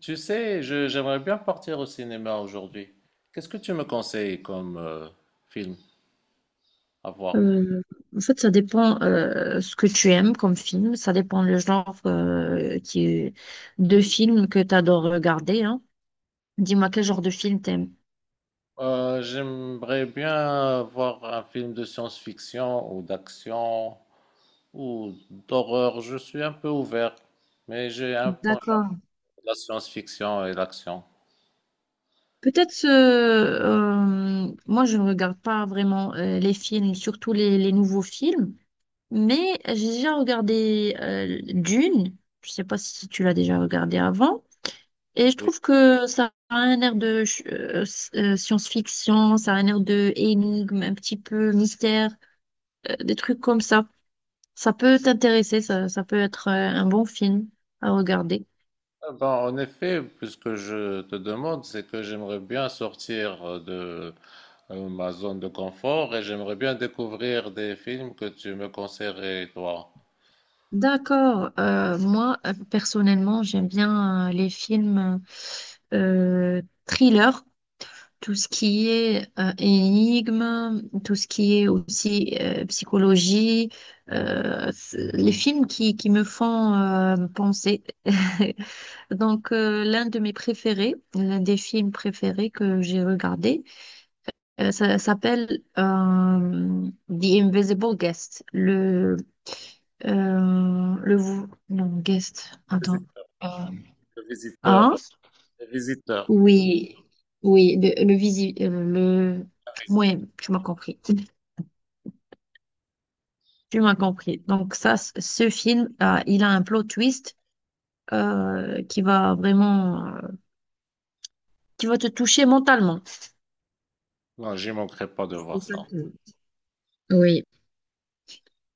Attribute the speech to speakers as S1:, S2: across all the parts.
S1: Tu sais, j'aimerais bien partir au cinéma aujourd'hui. Qu'est-ce que tu me conseilles comme film à voir?
S2: Euh, en fait, ça dépend ce que tu aimes comme film, ça dépend le genre de film que tu adores regarder, hein. Dis-moi quel genre de film t'aimes.
S1: J'aimerais bien voir un film de science-fiction ou d'action ou d'horreur. Je suis un peu ouvert, mais j'ai un penchant
S2: D'accord.
S1: de la science-fiction et l'action.
S2: Peut-être, moi je ne regarde pas vraiment les films, surtout les nouveaux films, mais j'ai déjà regardé Dune, je ne sais pas si tu l'as déjà regardé avant. Et je
S1: Oui.
S2: trouve que ça a un air de science-fiction, ça a un air de énigme, un petit peu mystère, des trucs comme ça. Ça peut t'intéresser, ça peut être un bon film à regarder.
S1: Ah ben, en effet, puisque je te demande, c'est que j'aimerais bien sortir de ma zone de confort et j'aimerais bien découvrir des films que tu me conseillerais, toi.
S2: D'accord, moi personnellement j'aime bien les films thriller, tout ce qui est énigme, tout ce qui est aussi psychologie, les films qui me font penser. Donc, l'un de mes préférés, l'un des films préférés que j'ai regardé, ça s'appelle The Invisible Guest. Le, vou- non, guest, attends.
S1: Visiteur,
S2: Euh,
S1: le
S2: hein?
S1: visiteur, le visiteur.
S2: Oui, oui, ouais, tu m'as compris. Tu m'as compris. Donc, ce film, il a un plot twist qui va vraiment, qui va te toucher mentalement.
S1: Non, j'y manquerai pas de
S2: C'est
S1: voir
S2: ça
S1: ça.
S2: que... Oui.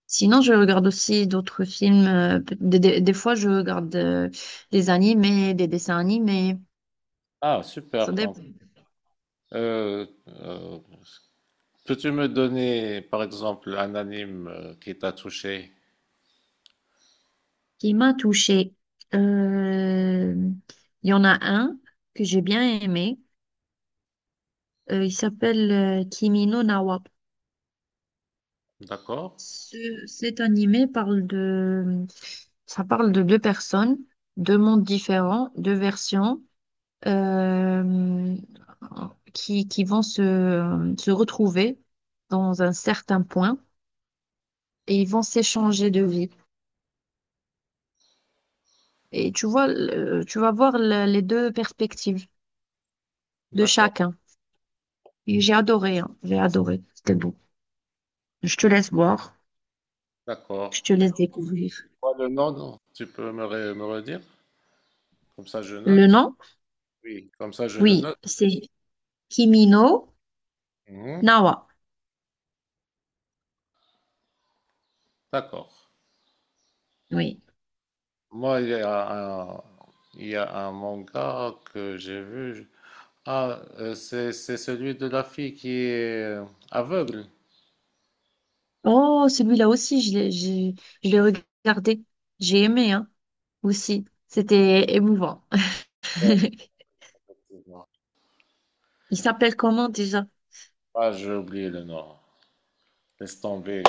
S2: Sinon, je regarde aussi d'autres films. Des fois, je regarde des animés, des dessins animés.
S1: Ah,
S2: Ça
S1: super. Donc,
S2: dépend.
S1: euh, euh, peux-tu me donner, par exemple, un anime qui t'a touché?
S2: Qui m'a touchée. Euh, Il y en a un que j'ai bien aimé. Il s'appelle Kimi no Na wa.
S1: D'accord?
S2: Cet animé parle de... Ça parle de deux personnes, deux mondes différents, deux versions, euh, qui vont se retrouver dans un certain point. Et ils vont s'échanger de vie. Et tu vois, tu vas voir les deux perspectives de
S1: D'accord,
S2: chacun. Et j'ai adoré, hein, j'ai adoré. C'était beau. Je te laisse voir,
S1: d'accord.
S2: je te laisse découvrir.
S1: Quoi, le nom, non? Tu peux me, me redire? Comme ça, je
S2: Le
S1: note.
S2: nom?
S1: Oui, comme ça, je le
S2: Oui,
S1: note.
S2: c'est Kimino
S1: Mhm.
S2: Nawa.
S1: D'accord.
S2: Oui.
S1: Moi, il y a un manga que j'ai vu. Ah, c'est celui de la fille qui est aveugle.
S2: Oh, celui-là aussi, je l'ai regardé. J'ai aimé, hein, aussi. C'était émouvant.
S1: Non.
S2: Il s'appelle comment déjà?
S1: Ah, j'ai oublié le nom. Laisse tomber,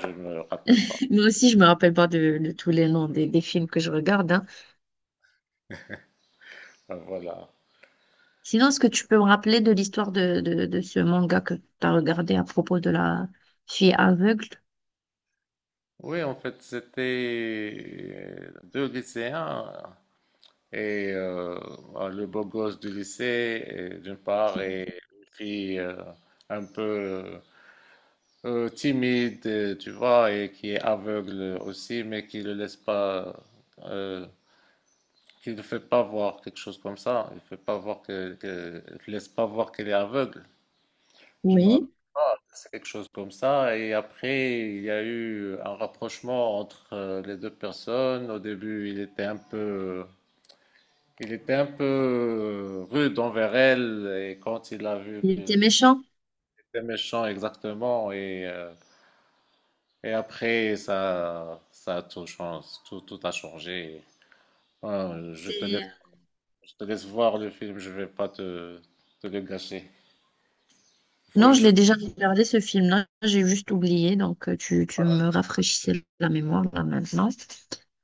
S1: je ne me rappelle pas.
S2: Moi aussi, je me rappelle pas de, de tous les noms des films que je regarde, hein.
S1: Ben voilà.
S2: Sinon, est-ce que tu peux me rappeler de l'histoire de ce manga que tu as regardé à propos de la fille aveugle?
S1: Oui, en fait, c'était deux lycéens et ah, le beau gosse du lycée, et d'une part, et une fille un peu timide, tu vois, et qui est aveugle aussi, mais qui ne le laisse pas, euh, qui ne fait pas voir quelque chose comme ça. Il fait pas voir il laisse pas voir qu'elle est aveugle. Je me rappelle
S2: Oui.
S1: pas, c'est quelque chose comme ça. Et après, il y a eu un rapprochement entre les deux personnes. Au début, il était un peu rude envers elle. Et quand il a vu
S2: Il
S1: qu'il
S2: était méchant.
S1: était méchant exactement, et après, ça a tout changé, tout a changé. Ouais,
S2: C'est- euh,
S1: je te laisse voir le film. Je vais pas te le gâcher. Faut
S2: Non, je l'ai
S1: juste...
S2: déjà regardé ce film-là, j'ai juste oublié, donc tu me rafraîchissais la mémoire là maintenant.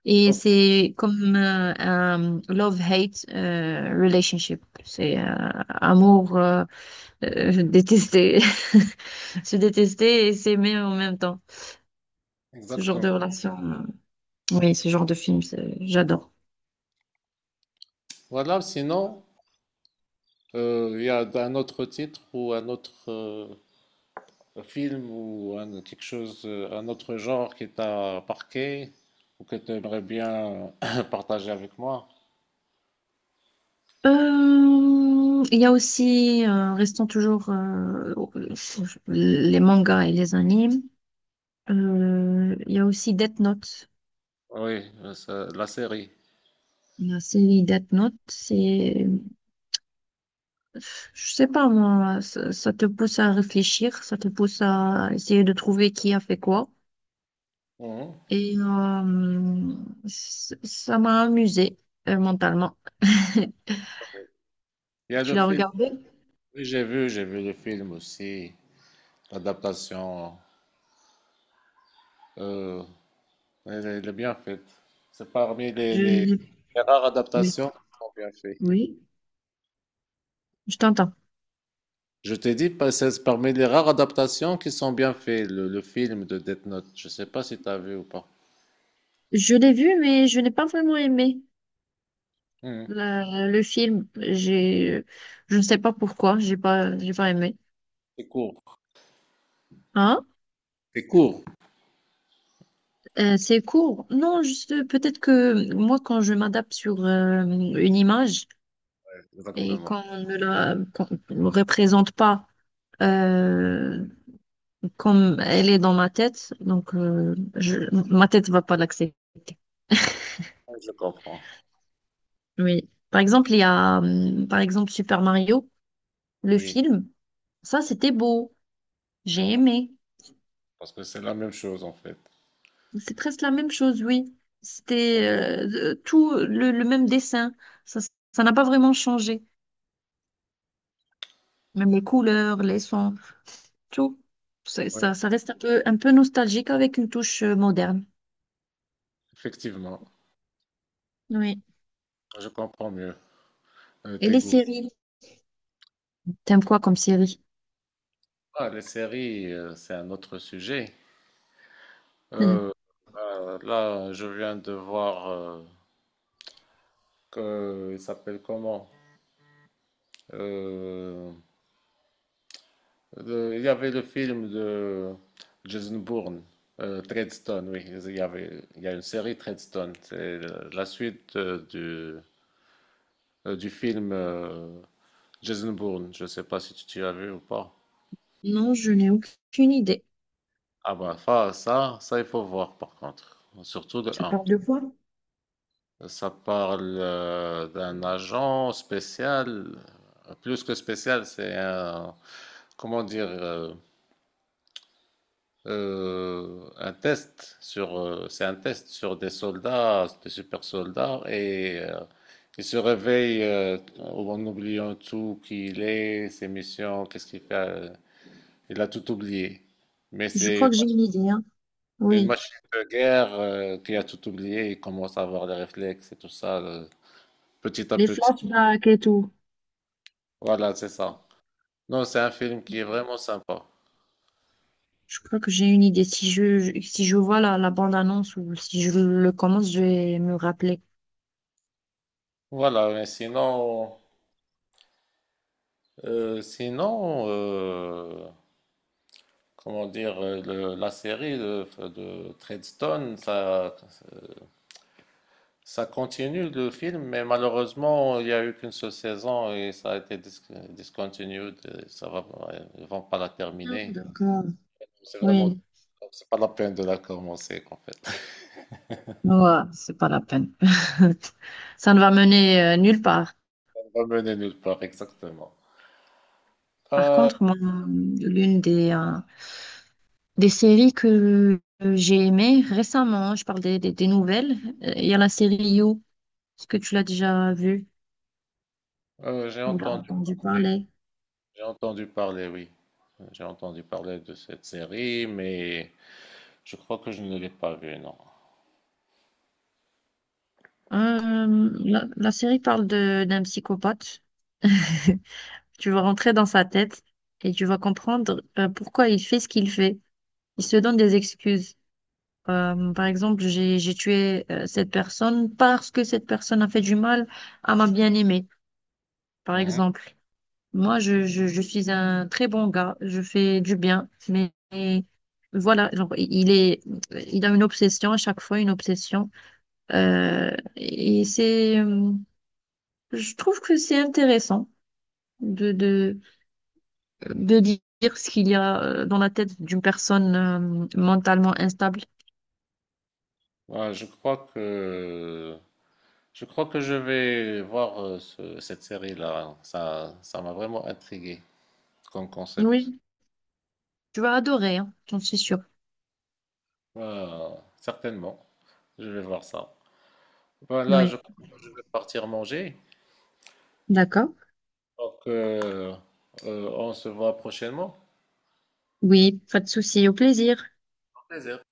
S2: Et
S1: Ok,
S2: c'est comme un love-hate relationship, c'est amour détesté, se détester et s'aimer en même temps, ce genre de
S1: exactement.
S2: relation. Oui, ce genre de film, j'adore.
S1: Voilà, sinon. Il y a un autre titre ou un autre film ou quelque chose, un autre genre qui t'a marqué ou que tu aimerais bien partager avec moi?
S2: Il y a aussi, restons toujours les mangas et les animes. Il y a aussi Death Note.
S1: Oui, ça- la série.
S2: La série Death Note, c'est, je sais pas moi, ça te pousse à réfléchir, ça te pousse à essayer de trouver qui a fait quoi.
S1: Mhm.
S2: Et ça m'a amusée mentalement.
S1: Il y a
S2: Tu
S1: le
S2: l'as
S1: film.
S2: regardé?
S1: Oui, j'ai vu le film aussi. L'adaptation, euh, elle est bien faite. C'est parmi
S2: Je
S1: les rares adaptations qui sont bien faites.
S2: t'entends.
S1: Je t'ai dit, pa- c'est parmi les rares adaptations qui sont bien faites, le film de Death Note. Je sais pas si tu as vu ou pas.
S2: Je l'ai vu, mais je n'ai pas vraiment aimé.
S1: Mhm.
S2: Le film, je ne sais pas pourquoi, j'ai pas aimé.
S1: C'est court.
S2: Hein?
S1: C'est court.
S2: C'est court. Non, juste peut-être que moi, quand je m'adapte sur une image et
S1: Exactement.
S2: qu'on ne la qu'on me représente pas euh, comme elle est dans ma tête, donc ma tête va pas l'accepter.
S1: Ouais, je comprends.
S2: Oui. Par exemple, il y a, par exemple, Super Mario, le
S1: Oui,
S2: film. Ça, c'était beau.
S1: je
S2: J'ai
S1: comprends.
S2: aimé.
S1: Parce que c'est la même chose en fait.
S2: C'est presque la même chose, oui. C'était tout le même dessin. Ça, Ça n'a pas vraiment changé. Même les couleurs, les sons, tout.
S1: Oui,
S2: Ça, ça reste un peu nostalgique avec une touche moderne.
S1: effectivement.
S2: Oui.
S1: Je comprends mieux
S2: Et
S1: tes
S2: les
S1: goûts.
S2: séries? T'aimes quoi comme série?
S1: Ah, les séries, c'est un autre sujet.
S2: Hmm.
S1: Euh, bah, là, je viens de voir que il s'appelle comment? Euh, il y avait le film de Jason Bourne, Treadstone, oui. Il y a une série Treadstone. C'est la suite du film Jason Bourne. Je ne sais pas si tu as vu ou pas.
S2: Non, je n'ai aucune idée.
S1: Ah bah ça, il faut voir par contre. Surtout le
S2: Ça
S1: 1.
S2: parle de quoi?
S1: Ça parle d'un agent spécial. Euh, plus que spécial, c'est un, comment dire, un test sur, c'est un test sur des soldats, des super soldats, et il se réveille en oubliant tout qui il est, ses missions, qu'est-ce qu'il fait. Euh, il a tout oublié. Mais
S2: Je crois que j'ai une idée, hein.
S1: c'est une
S2: Oui.
S1: machine de guerre qui a tout oublié. Il commence à avoir des réflexes et tout ça, petit à
S2: Les
S1: petit.
S2: flashbacks et tout.
S1: Voilà, c'est ça. Non, c'est un film qui est vraiment sympa.
S2: Je crois que j'ai une idée. Si si je vois la bande-annonce ou si je le commence, je vais me rappeler.
S1: Voilà, mais sinon, sinon. Euh, comment dire, la série de Treadstone, ça continue le film, mais malheureusement, il n'y a eu qu'une seule saison et ça a été discontinued. Et ça va, ils vont pas la
S2: Ah,
S1: terminer.
S2: d'accord.
S1: C'est vraiment,
S2: Oui,
S1: c'est pas la peine de la commencer, en fait.
S2: ouais, c'est pas la peine. Ça ne va mener nulle part.
S1: Ça va mener nulle part, exactement.
S2: Par
S1: Euh,
S2: contre, moi, l'une des séries que j'ai aimées récemment, je parle des nouvelles, il y a la série You. Est-ce que tu l'as déjà vue
S1: euh, j'ai
S2: ou l'as
S1: entendu,
S2: entendu parler?
S1: j'ai entendu parler, oui. J'ai entendu parler de cette série, mais je crois que je ne l'ai pas vue, non.
S2: La série parle de d'un psychopathe. Tu vas rentrer dans sa tête et tu vas comprendre pourquoi il fait ce qu'il fait. Il se donne des excuses. Par exemple, j'ai tué cette personne parce que cette personne a fait du mal à ma bien-aimée, par
S1: Mhm.
S2: exemple. Moi, je suis un très bon gars, je fais du bien, mais voilà, genre, il a une obsession à chaque fois, une obsession. Euh, et c'est, euh, je trouve que c'est intéressant de, de, de dire ce qu'il y a dans la tête d'une personne mentalement instable.
S1: Ouais, je crois que Je crois que je vais voir cette série-là. Ça m'a vraiment intrigué comme concept.
S2: Oui, tu vas adorer, hein, j'en suis sûre.
S1: Euh, certainement, je vais voir ça. Voilà, je
S2: Oui,
S1: crois que je vais partir manger.
S2: d'accord.
S1: Donc, on se voit prochainement.
S2: Oui, pas de souci, au plaisir.
S1: Au plaisir.